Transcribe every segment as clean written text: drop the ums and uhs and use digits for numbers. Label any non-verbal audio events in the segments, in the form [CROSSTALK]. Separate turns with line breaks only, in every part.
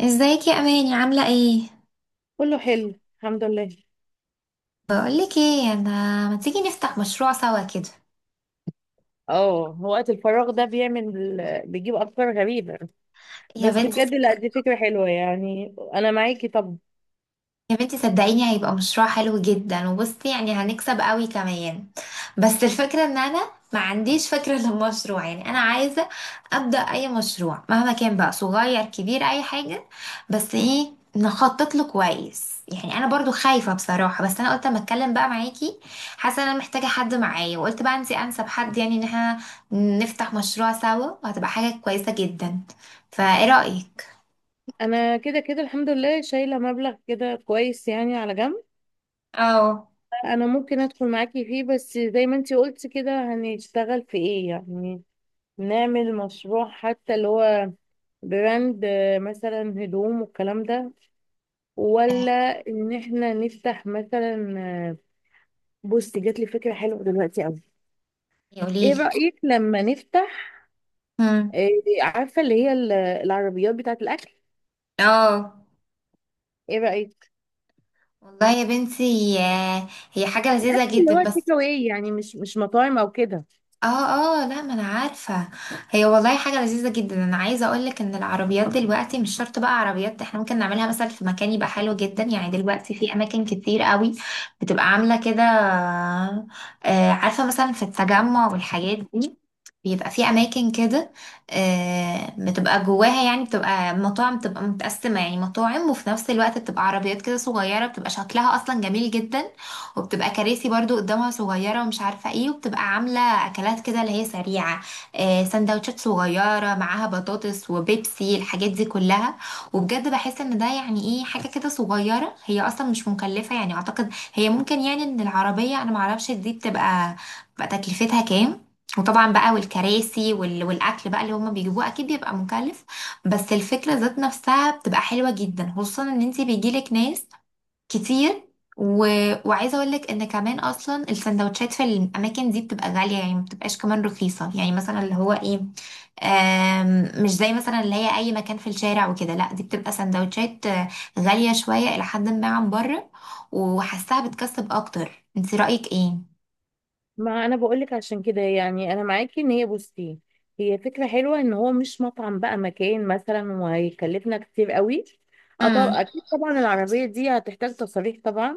ازيك يا اماني عامله ايه؟
كله حلو الحمد لله.
بقولك ايه انا، ما تيجي نفتح مشروع سوا كده؟
اه وقت الفراغ ده بيعمل بيجيب افكار غريبه.
يا
بس
بنتي،
بجد لا، دي فكره حلوه، يعني انا معاكي. طب
يا بنتي صدقيني هيبقى مشروع حلو جدا، وبصي يعني هنكسب قوي كمان. بس الفكرة ان انا ما عنديش فكرة [LAUGHS] للمشروع، يعني انا عايزة ابدأ اي مشروع مهما كان بقى، صغير كبير اي حاجة، بس ايه نخطط له كويس. يعني انا برضو خايفة بصراحة، بس انا قلت اما اتكلم بقى معاكي. حاسة ان انا محتاجة حد معايا، وقلت بقى انتي انسب حد، يعني ان احنا نفتح مشروع سوا وهتبقى حاجة كويسة جدا. فايه رأيك؟
انا كده كده الحمد لله شايله مبلغ كده كويس يعني على جنب.
اه.
انا ممكن ادخل معاكي فيه، بس زي ما انتي قلتي كده هنشتغل في ايه يعني؟ نعمل مشروع حتى اللي هو براند، مثلا هدوم والكلام ده،
آه،
ولا ان احنا نفتح مثلا؟ بصي، جات لي فكره حلوه دلوقتي قوي. ايه
قوليلي.
رأيك لما نفتح؟
مم.
آه، عارفة اللي هي العربيات بتاعة الأكل؟
اه،
ايه رأيك؟
والله يا بنتي هي حاجة
الأكل
لذيذة
اللي هو
جدا
التيك
بس.
اواي، يعني مش مطاعم أو كده.
اه. اه لا، ما انا عارفة، هي والله حاجة لذيذة جدا. انا عايزة اقولك ان العربيات دلوقتي مش شرط بقى عربيات، احنا ممكن نعملها مثلا في مكان يبقى حلو جدا. يعني دلوقتي في اماكن كتير قوي بتبقى عاملة كده. آه، عارفة مثلا في التجمع والحاجات دي، بيبقى في اماكن كده، آه، بتبقى جواها يعني بتبقى مطاعم، بتبقى متقسمة يعني مطاعم وفي نفس الوقت بتبقى عربيات كده صغيرة، بتبقى شكلها اصلا جميل جدا. وبتبقى كراسي برضو قدامها صغيرة، ومش عارفة ايه، وبتبقى عاملة اكلات كده اللي هي سريعة. آه، سندوتشات صغيرة معاها بطاطس وبيبسي، الحاجات دي كلها. وبجد بحس ان ده يعني ايه، حاجة كده صغيرة هي اصلا مش مكلفة. يعني اعتقد هي ممكن، يعني ان العربية انا معرفش دي بتبقى تكلفتها كام. وطبعا بقى والكراسي والاكل بقى اللي هما بيجيبوه اكيد بيبقى مكلف، بس الفكرة ذات نفسها بتبقى حلوة جدا، خصوصا ان انتي بيجيلك ناس كتير. و... وعايزه اقول لك ان كمان اصلا السندوتشات في الاماكن دي بتبقى غاليه، يعني ما بتبقاش كمان رخيصه، يعني مثلا اللي هو ايه، مش زي مثلا اللي هي اي مكان في الشارع وكده. لا، دي بتبقى سندوتشات غاليه شويه الى حد ما عن بره، وحاساها بتكسب اكتر. انت رايك ايه؟
ما أنا بقولك عشان كده، يعني أنا معاكي. إن هي بصي، هي فكرة حلوة إن هو مش مطعم بقى، مكان مثلا، وهيكلفنا كتير قوي. أه، طب
امم
أكيد طبعا العربية دي هتحتاج تصاريح طبعا،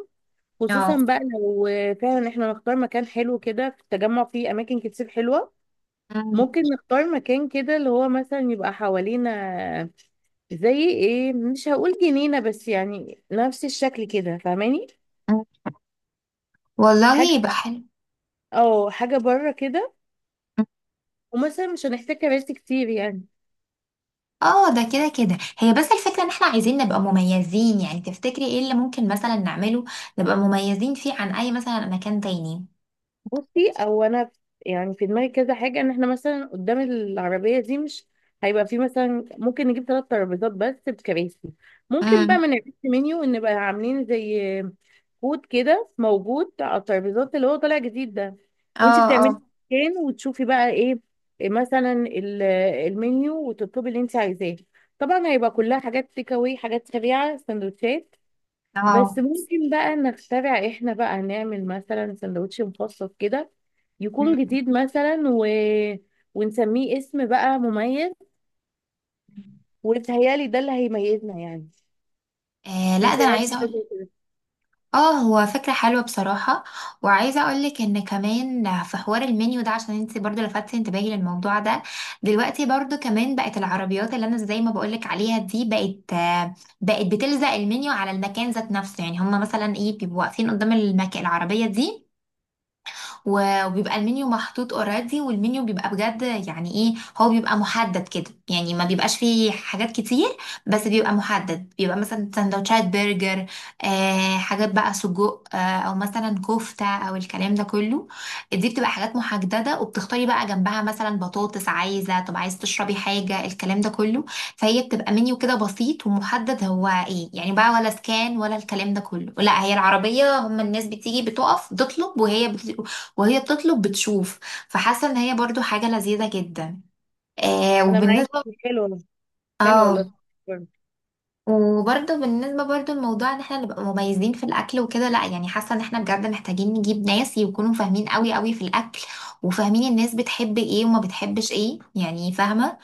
خصوصا
اه.
بقى لو فعلا احنا نختار مكان حلو كده. في التجمع فيه أماكن كتير حلوة.
مم.
ممكن نختار مكان كده اللي هو مثلا يبقى حوالينا زي ايه، مش هقول جنينة بس يعني نفس الشكل كده، فاهماني؟ حاجة،
والله يبقى حلو.
اه، حاجة بره كده. ومثلا مش هنحتاج كراسي كتير يعني.
اه، ده كده كده. هي بس الفكرة ان احنا عايزين نبقى مميزين، يعني تفتكري ايه اللي ممكن مثلا نعمله نبقى مميزين فيه عن اي مثلا مكان تاني؟
بصي، يعني في دماغي كذا حاجه. ان احنا مثلا قدام العربيه دي مش هيبقى في، مثلا ممكن نجيب ثلاث ترابيزات بس بكراسي. ممكن بقى
امم
من الريست منيو ان نبقى عاملين زي كود كده موجود على الترابيزات اللي هو طالع جديد ده، وانت
اه.
بتعملي
اه.
سكان وتشوفي بقى ايه مثلا المنيو، وتطلبي اللي انت عايزاه. طبعا هيبقى كلها حاجات تيك اواي، حاجات سريعه، سندوتشات. بس
اه.
ممكن بقى نخترع احنا، بقى نعمل مثلا سندوتش مخصص كده
مم.
يكون جديد مثلا، ونسميه اسم بقى مميز، وبيتهيألي ده اللي هيميزنا يعني.
آه لا،
انت
ده
إيه
انا
رايك في
عايزه.
الفكرة كده؟
اه، هو فكرة حلوة بصراحة. وعايزة اقولك ان كمان في حوار المنيو ده، عشان انت برضو لفتت انتباهي للموضوع ده. دلوقتي برضو كمان بقت العربيات اللي انا زي ما بقولك عليها دي، بقت بقت بتلزق المنيو على المكان ذات نفسه، يعني هما مثلا ايه بيبقوا واقفين قدام العربية دي وبيبقى المنيو محطوط اوريدي. والمنيو بيبقى بجد يعني ايه، هو بيبقى محدد كده يعني ما بيبقاش فيه حاجات كتير، بس بيبقى محدد. بيبقى مثلا سندوتشات برجر، آه، حاجات بقى سجق، آه، او مثلا كفتة او الكلام ده كله. دي بتبقى حاجات محددة، وبتختاري بقى جنبها مثلا بطاطس، عايزة طب عايز تشربي حاجة، الكلام ده كله. فهي بتبقى منيو كده بسيط ومحدد هو ايه يعني بقى. ولا سكان ولا الكلام ده كله، لا هي العربية، هم الناس بتيجي بتقف بتطلب وهي بتطلب بتشوف. فحاسه ان هي برضو حاجه لذيذه جدا. آه.
انا معاك.
وبالنسبه،
حلو والله. حلو والله.
اه. وبرضه بالنسبة برضه لموضوع ان احنا نبقى مميزين في الاكل وكده، لا يعني حاسة ان احنا بجد محتاجين نجيب ناس يكونوا فاهمين قوي قوي في الاكل، وفاهمين الناس بتحب ايه وما بتحبش ايه. يعني فاهمة،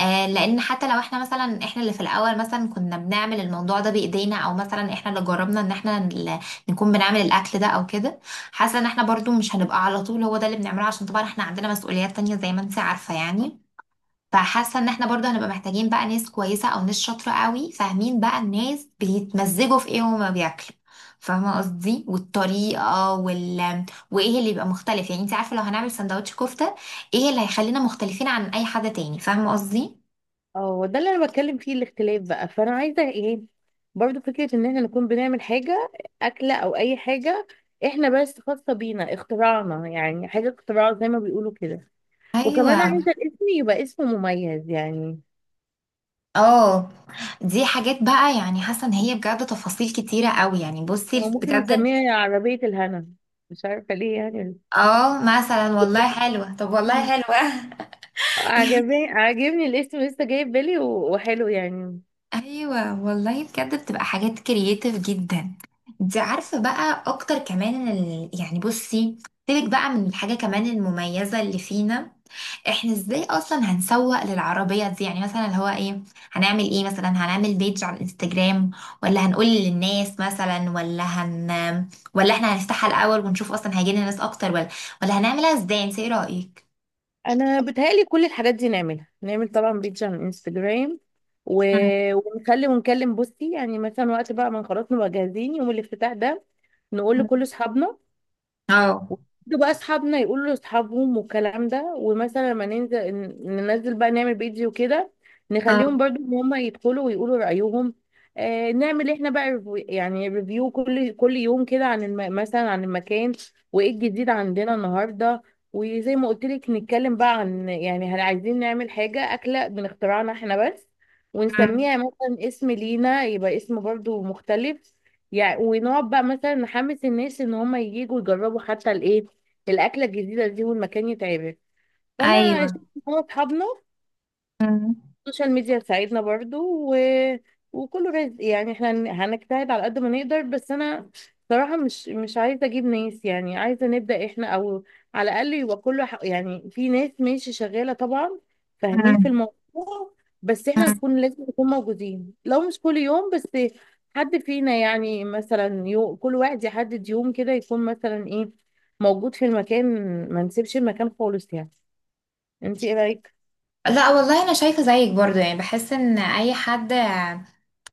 آه، لان حتى لو احنا مثلا، احنا اللي في الاول مثلا كنا بنعمل الموضوع ده بايدينا، او مثلا احنا اللي جربنا ان احنا نكون بنعمل الاكل ده او كده. حاسة ان احنا برضه مش هنبقى على طول هو ده اللي بنعمله، عشان طبعا احنا عندنا مسؤوليات تانية زي ما انت عارفة يعني. فحاسه ان احنا برضه هنبقى محتاجين بقى ناس كويسه او ناس شاطره قوي، فاهمين بقى الناس بيتمزجوا في ايه وهما بياكلوا. فاهمه قصدي، والطريقه وايه اللي يبقى مختلف. يعني انت عارفه لو هنعمل سندوتش كفته، ايه اللي هيخلينا مختلفين عن اي حد تاني؟ فاهمه قصدي.
اه، ده اللي انا بتكلم فيه، الاختلاف بقى. فانا عايزه ايه، برضو فكره ان احنا نكون بنعمل حاجه، اكله او اي حاجه، احنا بس خاصه بينا، اختراعنا يعني، حاجه اختراع زي ما بيقولوا كده.
ايوه.
وكمان عايزة الاسم يبقى اسم مميز يعني.
اه. دي حاجات بقى يعني حاسه ان هي بجد تفاصيل كتيره قوي. يعني
هو
بصي
ممكن
بجد.
نسميها عربية الهنا، مش عارفة ليه يعني.
اه مثلا والله حلوه، طب والله
مم.
حلوه. [LAUGHS]
عجبني، عاجبني الاسم، لسه جاي في بالي، وحلو يعني.
ايوه والله بجد بتبقى حاجات كرييتيف جدا. انت عارفه بقى اكتر كمان يعني بصي، سيبك بقى من الحاجه كمان المميزه اللي فينا، احنا ازاي اصلا هنسوق للعربيه دي. يعني مثلا اللي هو ايه، هنعمل ايه؟ مثلا هنعمل بيج على الانستجرام، ولا هنقول للناس مثلا، ولا احنا هنفتحها الاول ونشوف اصلا هيجي لنا ناس اكتر، ولا ولا هنعملها ازاي؟ انت ايه رايك؟
انا بتهيألي كل الحاجات دي نعملها. نعمل طبعا بيج على الانستجرام، و...
مم.
ونخلي ونكلم بوستي يعني مثلا، وقت بقى ما خلاص نبقى جاهزين، يوم الافتتاح ده نقول لكل
مم.
اصحابنا،
اه.
ده بقى اصحابنا يقولوا لاصحابهم والكلام ده. ومثلا لما ننزل ننزل بقى نعمل فيديو كده، نخليهم
اه.
برضو ان هم يدخلوا ويقولوا رأيهم. آه، نعمل احنا بقى يعني ريفيو كل يوم كده عن مثلا عن المكان، وايه الجديد عندنا النهارده. وزي ما قلت لك نتكلم بقى عن يعني هل عايزين نعمل حاجة، أكلة من اختراعنا احنا بس،
مم.
ونسميها مثلا اسم لينا يبقى اسم برضو مختلف يعني. ونقعد بقى مثلا نحمس الناس ان هم ييجوا يجربوا حتى الايه، الاكله الجديده دي، والمكان يتعبك. فانا شفت
ايوه.
إن هو اصحابنا،
مم.
السوشيال ميديا تساعدنا برضو. و... وكله رزق يعني. احنا هنجتهد على قد ما نقدر، بس انا صراحة مش عايزة اجيب ناس، يعني عايزة نبدأ احنا، او على الاقل يبقى كله يعني في ناس ماشي شغالة طبعا فاهمين في
مم.
الموضوع، بس احنا نكون لازم نكون موجودين. لو مش كل يوم بس حد فينا يعني، مثلا كل واحد يحدد يوم كده يكون مثلا ايه، موجود في المكان. ما نسيبش المكان خالص يعني. انت ايه رأيك؟
لا والله انا شايفه زيك برضو. يعني بحس ان اي حد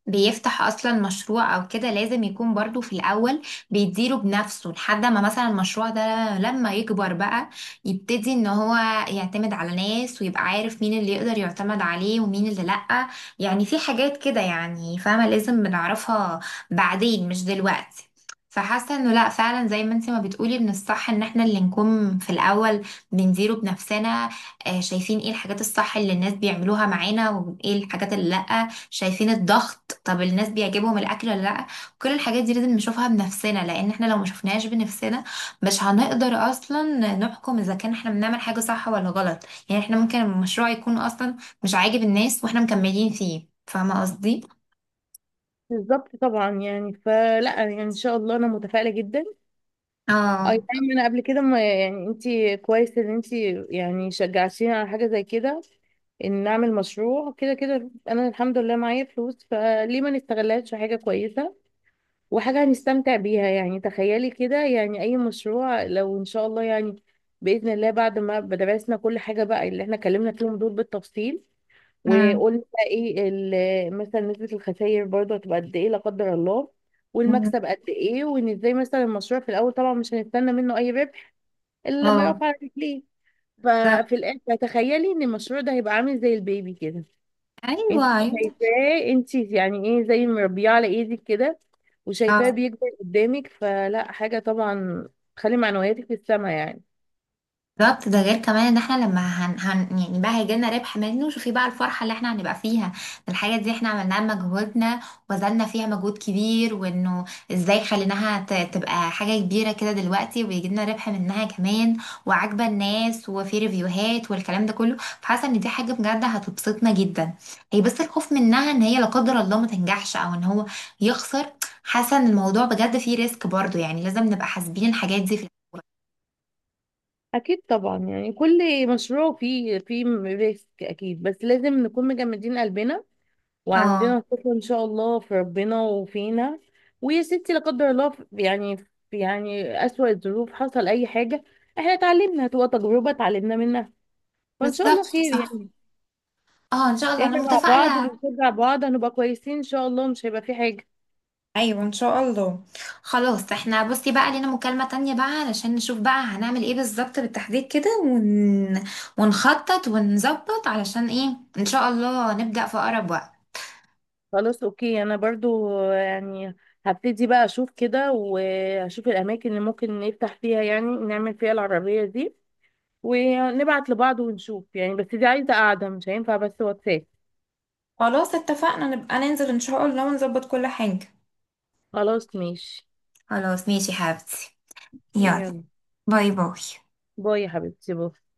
بيفتح اصلا مشروع او كده لازم يكون برضو في الاول بيديره بنفسه، لحد ما مثلا المشروع ده لما يكبر بقى يبتدي ان هو يعتمد على ناس، ويبقى عارف مين اللي يقدر يعتمد عليه ومين اللي لأ. يعني في حاجات كده يعني فاهمة لازم بنعرفها بعدين مش دلوقتي. فحاسة انه لا، فعلا زي ما انت ما بتقولي من الصح ان احنا اللي نكون في الاول بنديره بنفسنا. شايفين ايه الحاجات الصح اللي الناس بيعملوها معانا وايه الحاجات اللي لأ، شايفين الضغط، طب الناس بيعجبهم الاكل ولا لا. كل الحاجات دي لازم نشوفها بنفسنا، لان احنا لو ما شفناهاش بنفسنا مش هنقدر اصلا نحكم اذا كان احنا بنعمل حاجة صح ولا غلط. يعني احنا ممكن المشروع يكون اصلا مش عاجب الناس واحنا مكملين فيه، فاهمة قصدي.
بالظبط طبعا يعني، فلا يعني ان شاء الله انا متفائله جدا. اي
اه.
نعم، انا قبل كده ما يعني انت، كويس ان انت يعني شجعتيني على حاجه زي كده. ان نعمل مشروع كده كده انا الحمد لله معايا فلوس، فليه ما نستغلهاش في حاجه كويسه وحاجة هنستمتع بيها يعني؟ تخيلي كده يعني، أي مشروع لو إن شاء الله يعني، بإذن الله، بعد ما درسنا كل حاجة بقى اللي احنا اتكلمنا فيهم دول بالتفصيل،
امم
وقلنا بقى ايه مثلا نسبة الخسائر برضه هتبقى قد ايه لا قدر الله، والمكسب قد ايه، وان ازاي مثلا المشروع في الأول طبعا مش هنستنى منه أي ربح إلا لما
اه.
يقف على رجليه.
بالظبط.
ففي الآخر تخيلي إن المشروع ده هيبقى عامل زي البيبي كده، انت
ايوه، أيوة.
شايفاه انت يعني، ايه زي مربيه على ايدك كده، وشايفاه
اه،
بيكبر قدامك، فلا حاجه طبعا تخلي معنوياتك في السما يعني.
بالظبط. ده غير كمان ان احنا لما هن, هن يعني بقى هيجيلنا ربح منه، شوفي بقى الفرحة اللي احنا هنبقى فيها. الحاجة دي احنا عملناها بمجهودنا، وبذلنا فيها مجهود كبير، وانه ازاي خليناها تبقى حاجة كبيرة كده دلوقتي، وبيجيلنا ربح منها كمان، وعاجبة الناس، وفي ريفيوهات والكلام ده كله. فحاسة ان دي حاجة بجد هتبسطنا جدا. هي بس الخوف منها ان هي لا قدر الله ما تنجحش او ان هو يخسر. حاسة ان الموضوع بجد فيه ريسك برضو، يعني لازم نبقى حاسبين الحاجات دي في الأول.
اكيد طبعا يعني كل مشروع فيه ريسك اكيد، بس لازم نكون مجمدين قلبنا
اه،
وعندنا ثقه ان شاء الله في ربنا وفينا. ويا ستي لا قدر الله يعني في يعني اسوأ الظروف حصل اي حاجه، احنا اتعلمنا، هتبقى تجربه اتعلمنا منها، فان شاء
بالظبط
الله خير
صح.
يعني.
اه ان شاء الله انا
احنا مع بعض
متفائله.
وبنشجع بعض هنبقى كويسين ان شاء الله، مش هيبقى في حاجة.
ايوه ان شاء الله. خلاص احنا بصي بقى لينا مكالمه تانية بقى، علشان نشوف بقى هنعمل ايه بالظبط بالتحديد كده ونخطط ونظبط علشان ايه ان شاء الله نبدا في اقرب وقت.
خلاص، اوكي. انا برضو يعني هبتدي بقى اشوف كده واشوف الاماكن اللي ممكن نفتح فيها، يعني نعمل فيها العربية دي، ونبعت لبعض ونشوف يعني، بس دي عايزة قاعدة مش هينفع بس واتساب.
خلاص اتفقنا، نبقى ننزل ان شاء الله ونظبط كل حاجة.
خلاص ماشي.
خلاص ماشي يا حبيبتي، يلا،
يلا،
باي باي.
باي يا حبيبتي، باي.